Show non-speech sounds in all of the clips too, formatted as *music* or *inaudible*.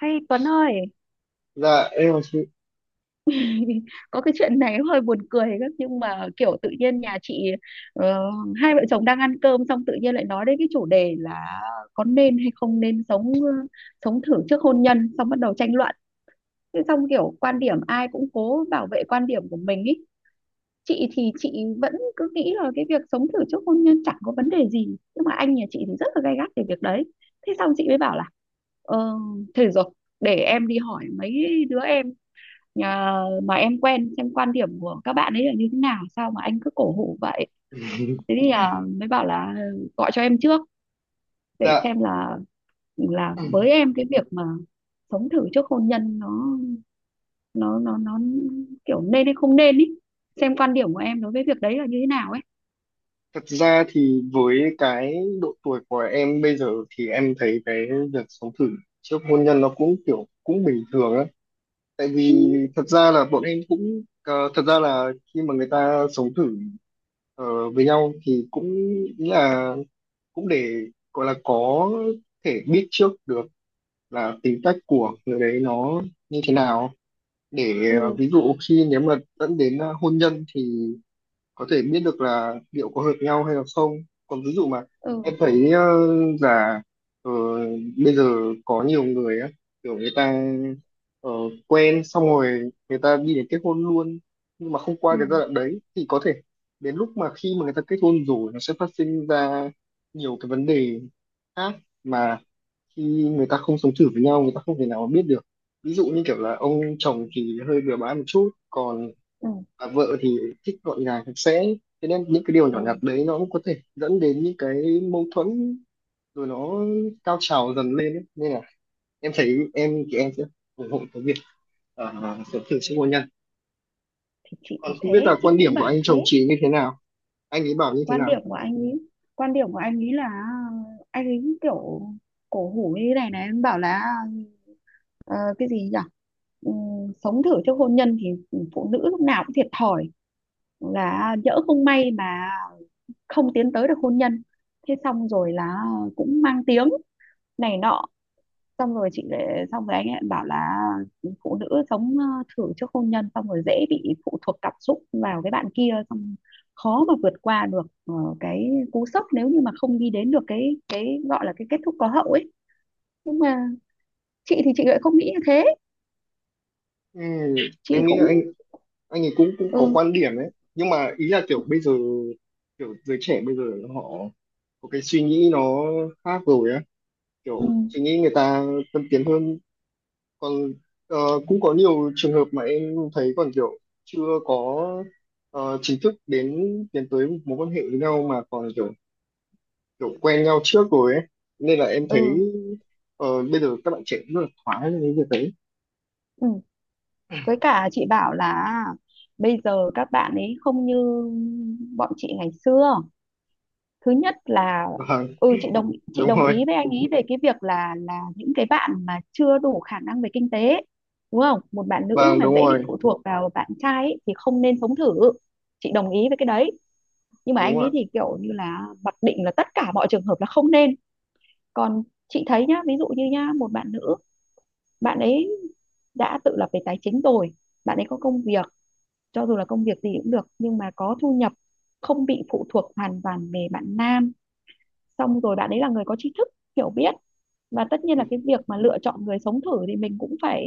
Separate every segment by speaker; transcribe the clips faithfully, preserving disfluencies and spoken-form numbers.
Speaker 1: Hay Tuấn ơi,
Speaker 2: Dạ, em là chị.
Speaker 1: *laughs* có cái chuyện này hơi buồn cười lắm, nhưng mà kiểu tự nhiên nhà chị, ờ, hai vợ chồng đang ăn cơm, xong tự nhiên lại nói đến cái chủ đề là có nên hay không nên sống, ờ, sống thử trước hôn nhân, xong bắt đầu tranh luận. Thế xong kiểu quan điểm ai cũng cố bảo vệ quan điểm của mình ý. Chị thì chị vẫn cứ nghĩ là cái việc sống thử trước hôn nhân chẳng có vấn đề gì, nhưng mà anh nhà chị thì rất là gay gắt về việc đấy. Thế xong chị mới bảo là, ờ, thế rồi để em đi hỏi mấy đứa em, à, mà em quen, xem quan điểm của các bạn ấy là như thế nào, sao mà anh cứ cổ hủ vậy. Thế
Speaker 2: *laughs*
Speaker 1: thì, à, mới bảo là ờ, gọi cho em trước để
Speaker 2: Dạ,
Speaker 1: xem là là với em cái việc mà sống thử trước hôn nhân nó nó nó nó kiểu nên hay không nên ý, xem quan điểm của em đối với việc đấy là như thế nào ấy.
Speaker 2: thật ra thì với cái độ tuổi của em bây giờ thì em thấy cái việc sống thử trước hôn nhân nó cũng kiểu cũng bình thường á. Tại
Speaker 1: Ừ,
Speaker 2: vì thật ra là bọn em cũng ờ, thật ra là khi mà người ta sống thử ờ, với nhau thì cũng nghĩ là cũng để gọi là có thể biết trước được là tính cách của người đấy nó như thế nào để
Speaker 1: ừ,
Speaker 2: ờ, ví dụ khi nếu mà dẫn đến ờ, hôn nhân thì có thể biết được là liệu có hợp nhau hay là không. Còn ví dụ mà em
Speaker 1: ừ,
Speaker 2: thấy ờ, là ờ, bây giờ có nhiều người á, kiểu người ta ờ, quen xong rồi người ta đi đến kết hôn luôn, nhưng mà không qua
Speaker 1: ừ,
Speaker 2: cái giai đoạn đấy thì có thể đến lúc mà khi mà người ta kết hôn rồi nó sẽ phát sinh ra nhiều cái vấn đề khác mà khi người ta không sống thử với nhau người ta không thể nào mà biết được. Ví dụ như kiểu là ông chồng thì hơi bừa bãi một chút còn
Speaker 1: ừ,
Speaker 2: và vợ thì thích gọn gàng sạch sẽ, thế nên những cái điều nhỏ
Speaker 1: ừ.
Speaker 2: nhặt đấy nó cũng có thể dẫn đến những cái mâu thuẫn rồi nó cao trào dần lên ấy. Nên là em thấy em thì em sẽ ủng hộ cái việc ờ, sớm thử sức hôn nhân.
Speaker 1: Thì chị thì
Speaker 2: Còn không biết
Speaker 1: thế
Speaker 2: là
Speaker 1: chị
Speaker 2: quan điểm
Speaker 1: cũng
Speaker 2: của
Speaker 1: bảo
Speaker 2: anh chồng
Speaker 1: thế.
Speaker 2: chị như thế nào, anh ấy bảo như thế
Speaker 1: Quan
Speaker 2: nào.
Speaker 1: điểm của anh ấy quan điểm của anh ấy là, ờ, anh ấy kiểu cổ hủ như thế này này, em bảo là, ờ, cái gì nhỉ. Ừm, sống thử trước hôn nhân thì phụ nữ lúc nào cũng thiệt thòi, là nhỡ không may mà không tiến tới được hôn nhân, thế xong rồi là cũng mang tiếng này nọ. Xong rồi chị lại xong rồi anh ấy bảo là phụ nữ sống, ờ, thử trước hôn nhân xong rồi dễ bị phụ thuộc cảm xúc vào cái bạn kia, xong khó mà vượt qua được, ờ, cái cú sốc nếu như mà không đi đến được cái cái gọi là cái kết thúc có hậu ấy. Nhưng mà chị thì chị lại không nghĩ như thế.
Speaker 2: Ừ,
Speaker 1: Chị
Speaker 2: em nghĩ là anh
Speaker 1: cũng.
Speaker 2: anh ấy cũng cũng
Speaker 1: Ừ,
Speaker 2: có quan điểm đấy nhưng mà ý là kiểu bây giờ kiểu giới trẻ bây giờ họ có cái suy nghĩ nó khác rồi á,
Speaker 1: ừ,
Speaker 2: kiểu suy nghĩ người ta tân tiến hơn. Còn ờ, cũng có nhiều trường hợp mà em thấy còn kiểu chưa có ờ, chính thức đến tiến tới mối quan hệ với nhau mà còn kiểu kiểu quen nhau trước rồi ấy, nên là em thấy
Speaker 1: ừ,
Speaker 2: ờ, bây giờ các bạn trẻ cũng rất là thoải với cái việc đấy.
Speaker 1: ừ. Với cả chị bảo là, à, bây giờ các bạn ấy không như bọn chị ngày xưa, thứ nhất là.
Speaker 2: Vâng,
Speaker 1: Ừ, chị đồng chị
Speaker 2: đúng
Speaker 1: đồng ý
Speaker 2: rồi.
Speaker 1: với anh ý về cái việc là là những cái bạn mà chưa đủ khả năng về kinh tế, đúng không, một bạn nữ
Speaker 2: Vâng,
Speaker 1: mà
Speaker 2: đúng
Speaker 1: dễ bị
Speaker 2: rồi.
Speaker 1: phụ thuộc vào bạn trai ấy, thì không nên sống thử. Chị đồng ý với cái đấy. Nhưng mà
Speaker 2: Đúng
Speaker 1: anh ý
Speaker 2: rồi,
Speaker 1: thì kiểu như là mặc định là tất cả mọi trường hợp là không nên. Còn chị thấy nhá, ví dụ như nhá, một bạn nữ, bạn ấy đã tự lập về tài chính rồi, bạn ấy có công việc, cho dù là công việc gì cũng được, nhưng mà có thu nhập, không bị phụ thuộc hoàn toàn về bạn nam, xong rồi bạn ấy là người có tri thức, hiểu biết, và tất nhiên là cái việc mà lựa chọn người sống thử thì mình cũng phải,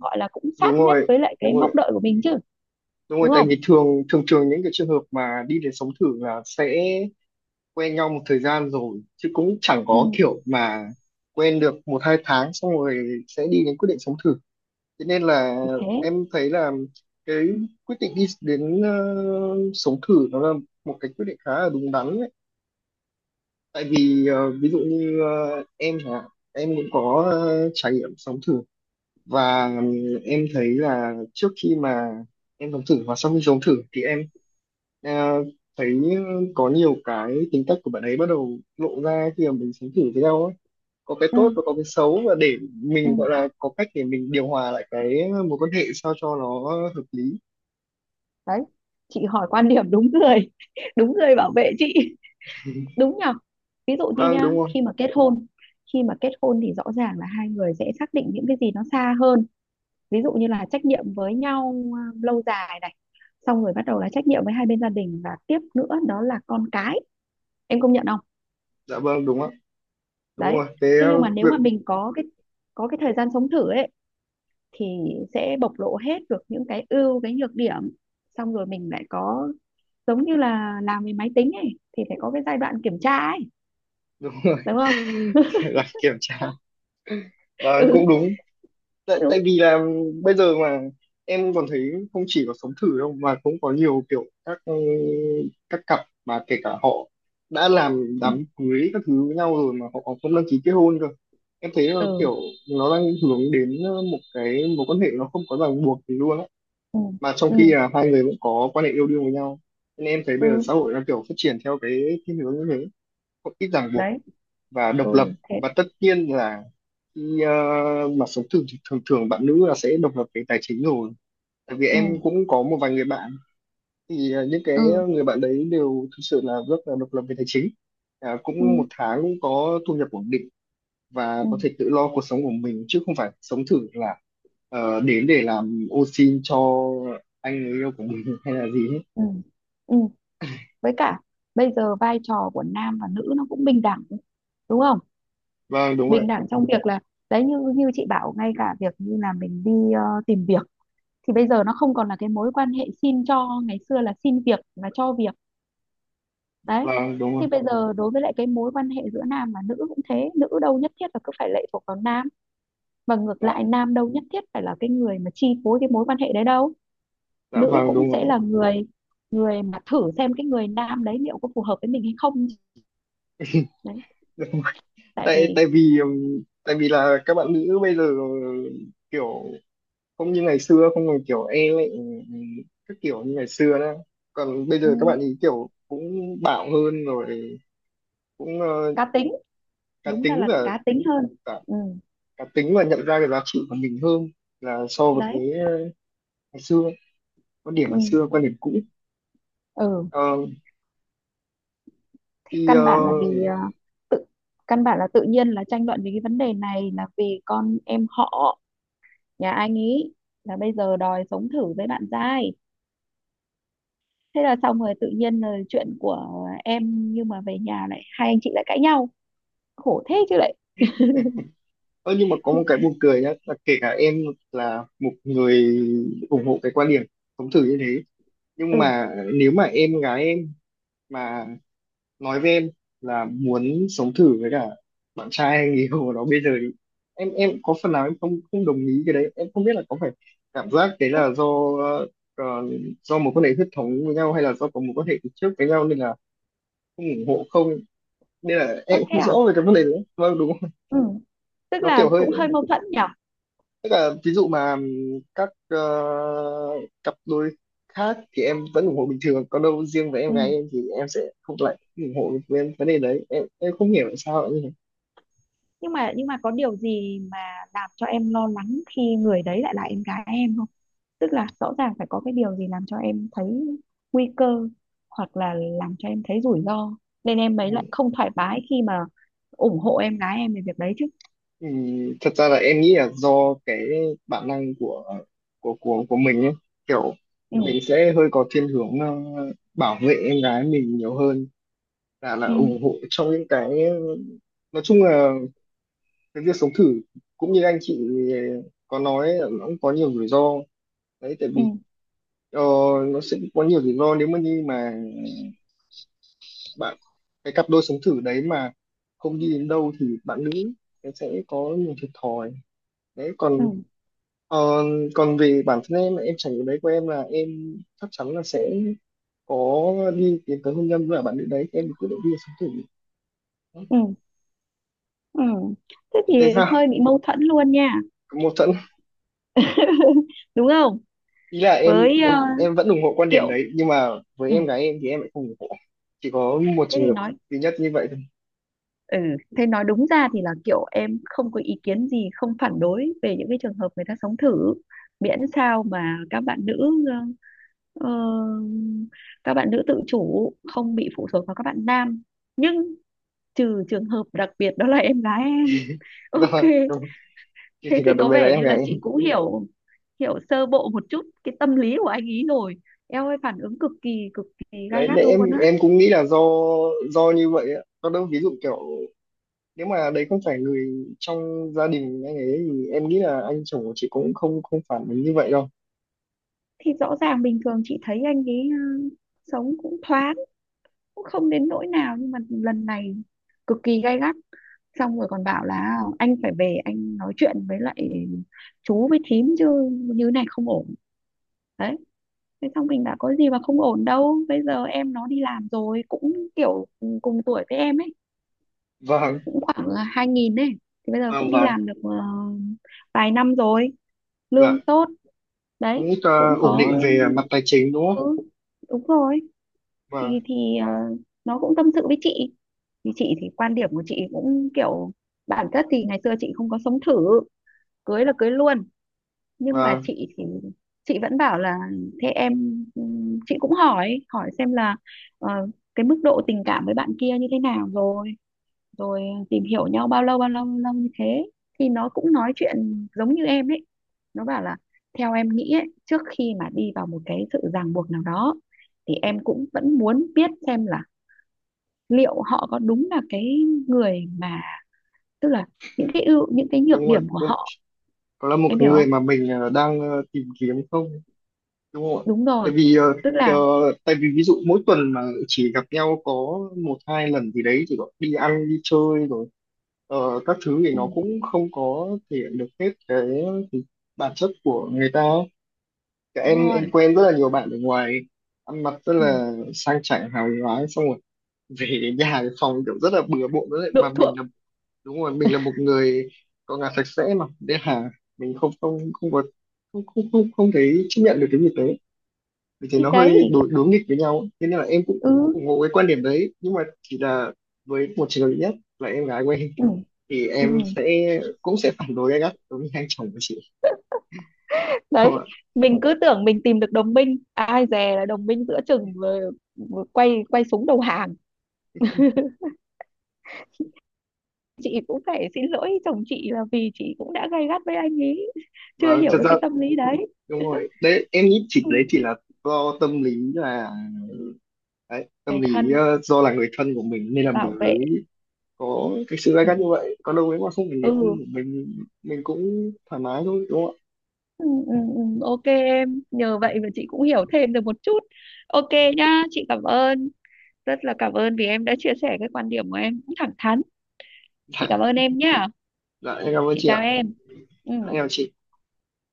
Speaker 1: gọi là cũng
Speaker 2: đúng
Speaker 1: sát nhất
Speaker 2: rồi,
Speaker 1: với lại
Speaker 2: đúng
Speaker 1: cái mong
Speaker 2: rồi,
Speaker 1: đợi của mình chứ,
Speaker 2: đúng rồi,
Speaker 1: đúng
Speaker 2: tại
Speaker 1: không.
Speaker 2: vì thường thường thường những cái trường hợp mà đi đến sống thử là sẽ quen nhau một thời gian rồi chứ cũng chẳng
Speaker 1: Ừ,
Speaker 2: có kiểu mà quen được một hai tháng xong rồi sẽ đi đến quyết định sống thử. Thế nên là
Speaker 1: thì thế.
Speaker 2: em thấy là cái quyết định đi đến ờ, sống thử nó là một cái quyết định khá là đúng đắn đấy. Tại vì ờ, ví dụ như ờ, em hả, em cũng có ờ, trải nghiệm sống thử và ừm, em thấy là trước khi mà em sống thử và sau khi sống thử thì em ờ, thấy có nhiều cái tính cách của bạn ấy bắt đầu lộ ra khi mà mình sống thử với nhau á, có cái
Speaker 1: Ừ,
Speaker 2: tốt và có cái xấu, và để
Speaker 1: ừ.
Speaker 2: mình gọi là có cách để mình điều hòa lại cái mối quan hệ sao cho nó hợp lý.
Speaker 1: Đấy, chị hỏi quan điểm đúng người, *laughs* đúng người bảo vệ chị. *laughs* Đúng nhở. Ví dụ như
Speaker 2: Vâng,
Speaker 1: nha,
Speaker 2: đúng rồi.
Speaker 1: khi mà kết hôn khi mà kết hôn thì rõ ràng là hai người sẽ xác định những cái gì nó xa hơn, ví dụ như là trách nhiệm với nhau, à, lâu dài này, xong rồi bắt đầu là trách nhiệm với hai bên gia đình, và tiếp nữa đó là con cái. Em công nhận không.
Speaker 2: Dạ vâng, đúng ạ. Đúng
Speaker 1: Đấy.
Speaker 2: rồi, cái
Speaker 1: Thế nhưng
Speaker 2: ờ,
Speaker 1: mà nếu
Speaker 2: việc
Speaker 1: mà mình có cái có cái thời gian sống thử ấy, thì sẽ bộc lộ hết được những cái ưu cái nhược điểm. Xong rồi mình lại có, giống như là làm về máy tính ấy thì phải có cái giai đoạn kiểm tra ấy,
Speaker 2: đúng rồi.
Speaker 1: đúng không. *laughs*
Speaker 2: *laughs* Là kiểm tra. Vâng,
Speaker 1: Ừ,
Speaker 2: cũng đúng. tại, tại
Speaker 1: đúng.
Speaker 2: vì là bây giờ mà em còn thấy không chỉ có sống thử đâu mà cũng có nhiều kiểu các ừ, các cặp mà kể cả họ đã làm
Speaker 1: Ừ,
Speaker 2: đám cưới các thứ với nhau rồi mà họ còn không đăng ký kết hôn cơ. Em thấy là
Speaker 1: ừ,
Speaker 2: kiểu nó đang hướng đến ờ, một cái mối quan hệ nó không có ràng buộc gì luôn á,
Speaker 1: ừ,
Speaker 2: mà trong
Speaker 1: ừ,
Speaker 2: khi là hai người cũng có quan hệ yêu đương với nhau, nên em thấy bây giờ
Speaker 1: ừ.
Speaker 2: xã hội đang kiểu phát triển theo cái thiên hướng như thế, có ít ràng buộc
Speaker 1: Đấy.
Speaker 2: và độc
Speaker 1: Ừ,
Speaker 2: lập.
Speaker 1: thế.
Speaker 2: Và tất nhiên là khi ờ, mà sống thường thường thường bạn nữ là sẽ độc lập về tài chính rồi. Tại vì
Speaker 1: Ừ,
Speaker 2: em cũng có một vài người bạn, thì ờ, những cái
Speaker 1: ừ,
Speaker 2: người bạn đấy đều thực sự là rất là độc lập về tài chính. À,
Speaker 1: ừ,
Speaker 2: cũng một tháng cũng có thu nhập ổn định và
Speaker 1: ừ,
Speaker 2: có thể tự lo cuộc sống của mình, chứ không phải sống thử là ờ, đến để làm ô xin cho anh người yêu của mình *laughs* hay là gì hết.
Speaker 1: ừ, ừ. Với cả bây giờ vai trò của nam và nữ nó cũng bình đẳng, đúng không.
Speaker 2: Vâng, đúng
Speaker 1: Bình
Speaker 2: rồi.
Speaker 1: đẳng trong việc là, đấy, như như chị bảo, ngay cả việc như là mình đi, ờ, tìm việc, thì bây giờ nó không còn là cái mối quan hệ xin cho ngày xưa là xin việc và cho việc. Đấy,
Speaker 2: Vâng, đúng rồi.
Speaker 1: thì bây giờ đối với lại cái mối quan hệ giữa nam và nữ cũng thế, nữ đâu nhất thiết là cứ phải lệ thuộc vào nam, và ngược
Speaker 2: Dạ.
Speaker 1: lại nam đâu nhất thiết phải là cái người mà chi phối cái mối quan hệ đấy đâu.
Speaker 2: Dạ
Speaker 1: Nữ
Speaker 2: vâng,
Speaker 1: cũng
Speaker 2: đúng
Speaker 1: sẽ
Speaker 2: rồi.
Speaker 1: là người, người mà thử xem cái người nam đấy liệu có phù hợp với mình hay không. Đấy, tại
Speaker 2: tại
Speaker 1: vì.
Speaker 2: tại vì ừm, tại vì là các bạn nữ bây giờ kiểu không như ngày xưa, không còn kiểu e lệ các kiểu như ngày xưa nữa. Còn bây giờ các
Speaker 1: Ừ,
Speaker 2: bạn ý kiểu cũng bạo hơn rồi, cũng ờ,
Speaker 1: cá tính.
Speaker 2: cá
Speaker 1: Đúng ra
Speaker 2: tính
Speaker 1: là
Speaker 2: và
Speaker 1: cá tính hơn.
Speaker 2: cả,
Speaker 1: Ừ,
Speaker 2: cá tính và nhận ra cái giá trị của mình hơn là so với
Speaker 1: đấy.
Speaker 2: cái ờ, ngày xưa, quan điểm ngày
Speaker 1: Ừ,
Speaker 2: xưa, quan điểm cũ.
Speaker 1: ừ.
Speaker 2: Ờ,
Speaker 1: Thế
Speaker 2: thì ờ,
Speaker 1: căn bản là vì, ờ, tự căn bản là tự nhiên là tranh luận về cái vấn đề này là vì con em họ nhà anh ý là bây giờ đòi sống thử với bạn giai, thế là xong rồi tự nhiên là chuyện của em nhưng mà về nhà lại hai anh chị lại cãi nhau, khổ thế chứ lại.
Speaker 2: Ơ, nhưng mà có một cái buồn cười nhá là kể cả em là một người ủng hộ cái quan điểm sống thử như thế, nhưng
Speaker 1: Ừ,
Speaker 2: mà nếu mà em gái em mà nói với em là muốn sống thử với cả bạn trai hay người yêu của nó bây giờ thì em em có phần nào em không không đồng ý cái đấy. Em không biết là có phải cảm giác đấy
Speaker 1: ơ,
Speaker 2: là do ờ, do một quan hệ huyết thống với nhau hay là do có một quan hệ từ trước với nhau nên là không ủng hộ không, nên là
Speaker 1: ơ,
Speaker 2: em cũng
Speaker 1: thế
Speaker 2: không rõ
Speaker 1: à.
Speaker 2: về cái vấn đề đấy. Vâng, đúng không?
Speaker 1: Ừ, tức
Speaker 2: Nó
Speaker 1: là
Speaker 2: kiểu
Speaker 1: cũng hơi
Speaker 2: hơi.
Speaker 1: mâu thuẫn nhở.
Speaker 2: Tức là ví dụ mà các ờ, cặp đôi khác thì em vẫn ủng hộ bình thường, còn đâu riêng với em
Speaker 1: Ừ,
Speaker 2: gái em thì em sẽ không lại ủng hộ với vấn đề đấy. Em em không hiểu tại sao lại như thế.
Speaker 1: nhưng mà nhưng mà có điều gì mà làm cho em lo lắng khi người đấy lại là em gái em không, tức là rõ ràng phải có cái điều gì làm cho em thấy nguy cơ, hoặc là làm cho em thấy rủi ro, nên em ấy
Speaker 2: Ừ.
Speaker 1: lại không thoải mái khi mà ủng hộ em gái em về việc đấy chứ.
Speaker 2: Ừ, thật ra là em nghĩ là do cái bản năng của của của của mình ấy, kiểu
Speaker 1: Ừ,
Speaker 2: mình sẽ hơi có thiên hướng ờ, bảo vệ em gái mình nhiều hơn là là
Speaker 1: ừ,
Speaker 2: ủng hộ trong những cái, nói chung là cái việc sống thử, cũng như anh chị có nói là nó cũng có nhiều rủi ro đấy, tại
Speaker 1: ừ,
Speaker 2: vì ờ, nó sẽ có nhiều rủi ro nếu mà như mà bạn cái cặp đôi sống thử đấy mà không đi đến đâu thì bạn nữ em sẽ có nhiều thiệt thòi đấy.
Speaker 1: ừ,
Speaker 2: Còn ờ, còn về bản thân em em trải nghiệm đấy của em là em chắc chắn là sẽ có đi tiến tới hôn nhân với cả bạn nữ đấy em quyết định đi sống thử.
Speaker 1: ừ, ừ. Thế thì
Speaker 2: Chị thấy sao?
Speaker 1: hơi bị mâu thuẫn luôn nha.
Speaker 2: Có mâu thuẫn.
Speaker 1: *laughs* Đúng không.
Speaker 2: Ý là em
Speaker 1: Với,
Speaker 2: em
Speaker 1: ờ,
Speaker 2: em vẫn ủng hộ quan điểm
Speaker 1: Kiệu.
Speaker 2: đấy nhưng mà với
Speaker 1: Ừ.
Speaker 2: em gái em thì em lại không ủng hộ, chỉ có một
Speaker 1: Thế
Speaker 2: trường
Speaker 1: thì
Speaker 2: hợp
Speaker 1: nói.
Speaker 2: duy nhất như vậy thôi.
Speaker 1: Ừ, thế nói đúng ra thì là kiểu em không có ý kiến gì, không phản đối về những cái trường hợp người ta sống thử, miễn sao mà các bạn nữ ờ, ờ, các bạn nữ tự chủ không bị phụ thuộc vào các bạn nam. Nhưng trừ trường hợp đặc biệt đó là em gái em. Ok,
Speaker 2: *laughs* Do chỉ
Speaker 1: thế
Speaker 2: chỉ
Speaker 1: thì
Speaker 2: cần đặc
Speaker 1: có
Speaker 2: biệt là
Speaker 1: vẻ
Speaker 2: em
Speaker 1: như
Speaker 2: gái
Speaker 1: là chị
Speaker 2: em.
Speaker 1: cũng hiểu hiểu sơ bộ một chút cái tâm lý của anh ý rồi. Em ơi phản ứng cực kỳ cực kỳ gay
Speaker 2: Đấy,
Speaker 1: gắt
Speaker 2: nên
Speaker 1: luôn
Speaker 2: em
Speaker 1: á.
Speaker 2: em cũng nghĩ là do do như vậy á, còn đâu ví dụ kiểu nếu mà đấy không phải người trong gia đình anh ấy thì em nghĩ là anh chồng của chị cũng không không phản ứng như vậy đâu.
Speaker 1: Thì rõ ràng bình thường chị thấy anh ấy, ờ, sống cũng thoáng, cũng không đến nỗi nào, nhưng mà lần này cực kỳ gay gắt, xong rồi còn bảo là anh phải về anh nói chuyện với lại chú với thím chứ, như này không ổn. Đấy, thế xong mình đã có gì mà không ổn đâu, bây giờ em nó đi làm rồi cũng kiểu cùng tuổi với em ấy,
Speaker 2: Vâng,
Speaker 1: cũng khoảng hai nghìn ấy, thì bây giờ cũng
Speaker 2: vâng,
Speaker 1: đi
Speaker 2: vâng.
Speaker 1: làm được, ờ, vài năm rồi,
Speaker 2: Dạ,
Speaker 1: lương tốt.
Speaker 2: cũng
Speaker 1: Đấy
Speaker 2: ờ,
Speaker 1: cũng
Speaker 2: ổn
Speaker 1: có.
Speaker 2: định về mặt tài chính đúng không.
Speaker 1: Ừ, đúng rồi.
Speaker 2: Và
Speaker 1: thì thì ờ, nó cũng tâm sự với chị, như chị thì quan điểm của chị cũng kiểu bản chất thì ngày xưa chị không có sống thử, cưới là cưới luôn, nhưng mà
Speaker 2: và
Speaker 1: chị thì chị vẫn bảo là thế em. Ừm, chị cũng hỏi hỏi xem là, ờ, cái mức độ tình cảm với bạn kia như thế nào rồi, rồi tìm hiểu nhau bao lâu bao lâu bao lâu như thế, thì nó cũng nói chuyện giống như em ấy, nó bảo là theo em nghĩ ấy, trước khi mà đi vào một cái sự ràng buộc nào đó thì em cũng vẫn muốn biết xem là liệu họ có đúng là cái người mà, tức là những cái ưu những cái nhược
Speaker 2: đúng rồi,
Speaker 1: điểm của
Speaker 2: cũng
Speaker 1: họ,
Speaker 2: có là một
Speaker 1: em hiểu
Speaker 2: người
Speaker 1: không.
Speaker 2: mà mình ờ, đang ờ, tìm kiếm không, đúng không ạ?
Speaker 1: Đúng rồi,
Speaker 2: Tại vì ờ,
Speaker 1: tức
Speaker 2: ờ,
Speaker 1: là.
Speaker 2: tại vì ví dụ mỗi tuần mà chỉ gặp nhau có một hai lần gì đấy, chỉ gọi đi ăn đi chơi rồi ờ, các thứ thì
Speaker 1: Ừ,
Speaker 2: nó cũng không có thể hiện được hết cái bản chất của người ta. Cả
Speaker 1: đúng
Speaker 2: em em
Speaker 1: rồi.
Speaker 2: quen rất là nhiều bạn ở ngoài ăn mặc rất
Speaker 1: Ừ,
Speaker 2: là sang chảnh hào nhoáng xong rồi về đến nhà cái phòng kiểu rất là bừa bộn, với mà
Speaker 1: độ
Speaker 2: mình
Speaker 1: thượng.
Speaker 2: là, đúng rồi, mình là một người có nhà sạch sẽ mà, nên là mình không không không có, không không không, không thấy chấp nhận được cái việc đấy, vì thế
Speaker 1: Thì
Speaker 2: nó
Speaker 1: đấy.
Speaker 2: hơi đối đối nghịch với nhau ấy. Thế nên là em cũng
Speaker 1: Ừ,
Speaker 2: ủng hộ cái quan điểm đấy nhưng mà chỉ là với một trường hợp duy nhất là em gái của em,
Speaker 1: ừ,
Speaker 2: thì
Speaker 1: ừ.
Speaker 2: em sẽ cũng sẽ phản đối gay gắt đối với anh chồng của chị, đúng không
Speaker 1: Đấy
Speaker 2: ạ?
Speaker 1: mình cứ tưởng mình tìm được đồng minh, ai dè là đồng minh giữa chừng, vừa, vừa quay quay súng đầu hàng, chị cũng phải xin lỗi chồng chị là vì chị cũng đã gay gắt với anh ấy chưa
Speaker 2: Và thật
Speaker 1: hiểu được
Speaker 2: ra
Speaker 1: cái tâm lý đấy.
Speaker 2: đúng rồi, đấy em nghĩ chị
Speaker 1: Ừ.
Speaker 2: đấy chỉ là do tâm lý là đấy,
Speaker 1: Người
Speaker 2: tâm lý
Speaker 1: thân,
Speaker 2: ờ, do là người thân của mình nên là mình
Speaker 1: bảo vệ.
Speaker 2: mới có cái sự gay
Speaker 1: Ừ.
Speaker 2: gắt như vậy. Còn đâu nếu mà không phải
Speaker 1: Ừ.
Speaker 2: người thân của mình mình cũng thoải mái thôi, đúng không
Speaker 1: Ừ, ừ, ừ. Ok em, nhờ vậy mà chị cũng hiểu thêm được một chút. Ok nhá, chị cảm ơn, rất là cảm ơn vì em đã chia sẻ cái quan điểm của em cũng thẳng thắn. Chị
Speaker 2: ạ?
Speaker 1: cảm ơn
Speaker 2: Dạ.
Speaker 1: em nhá.
Speaker 2: Dạ em cảm ơn
Speaker 1: Chị
Speaker 2: chị ạ.
Speaker 1: chào em. Ừ
Speaker 2: Dạ, em chào chị.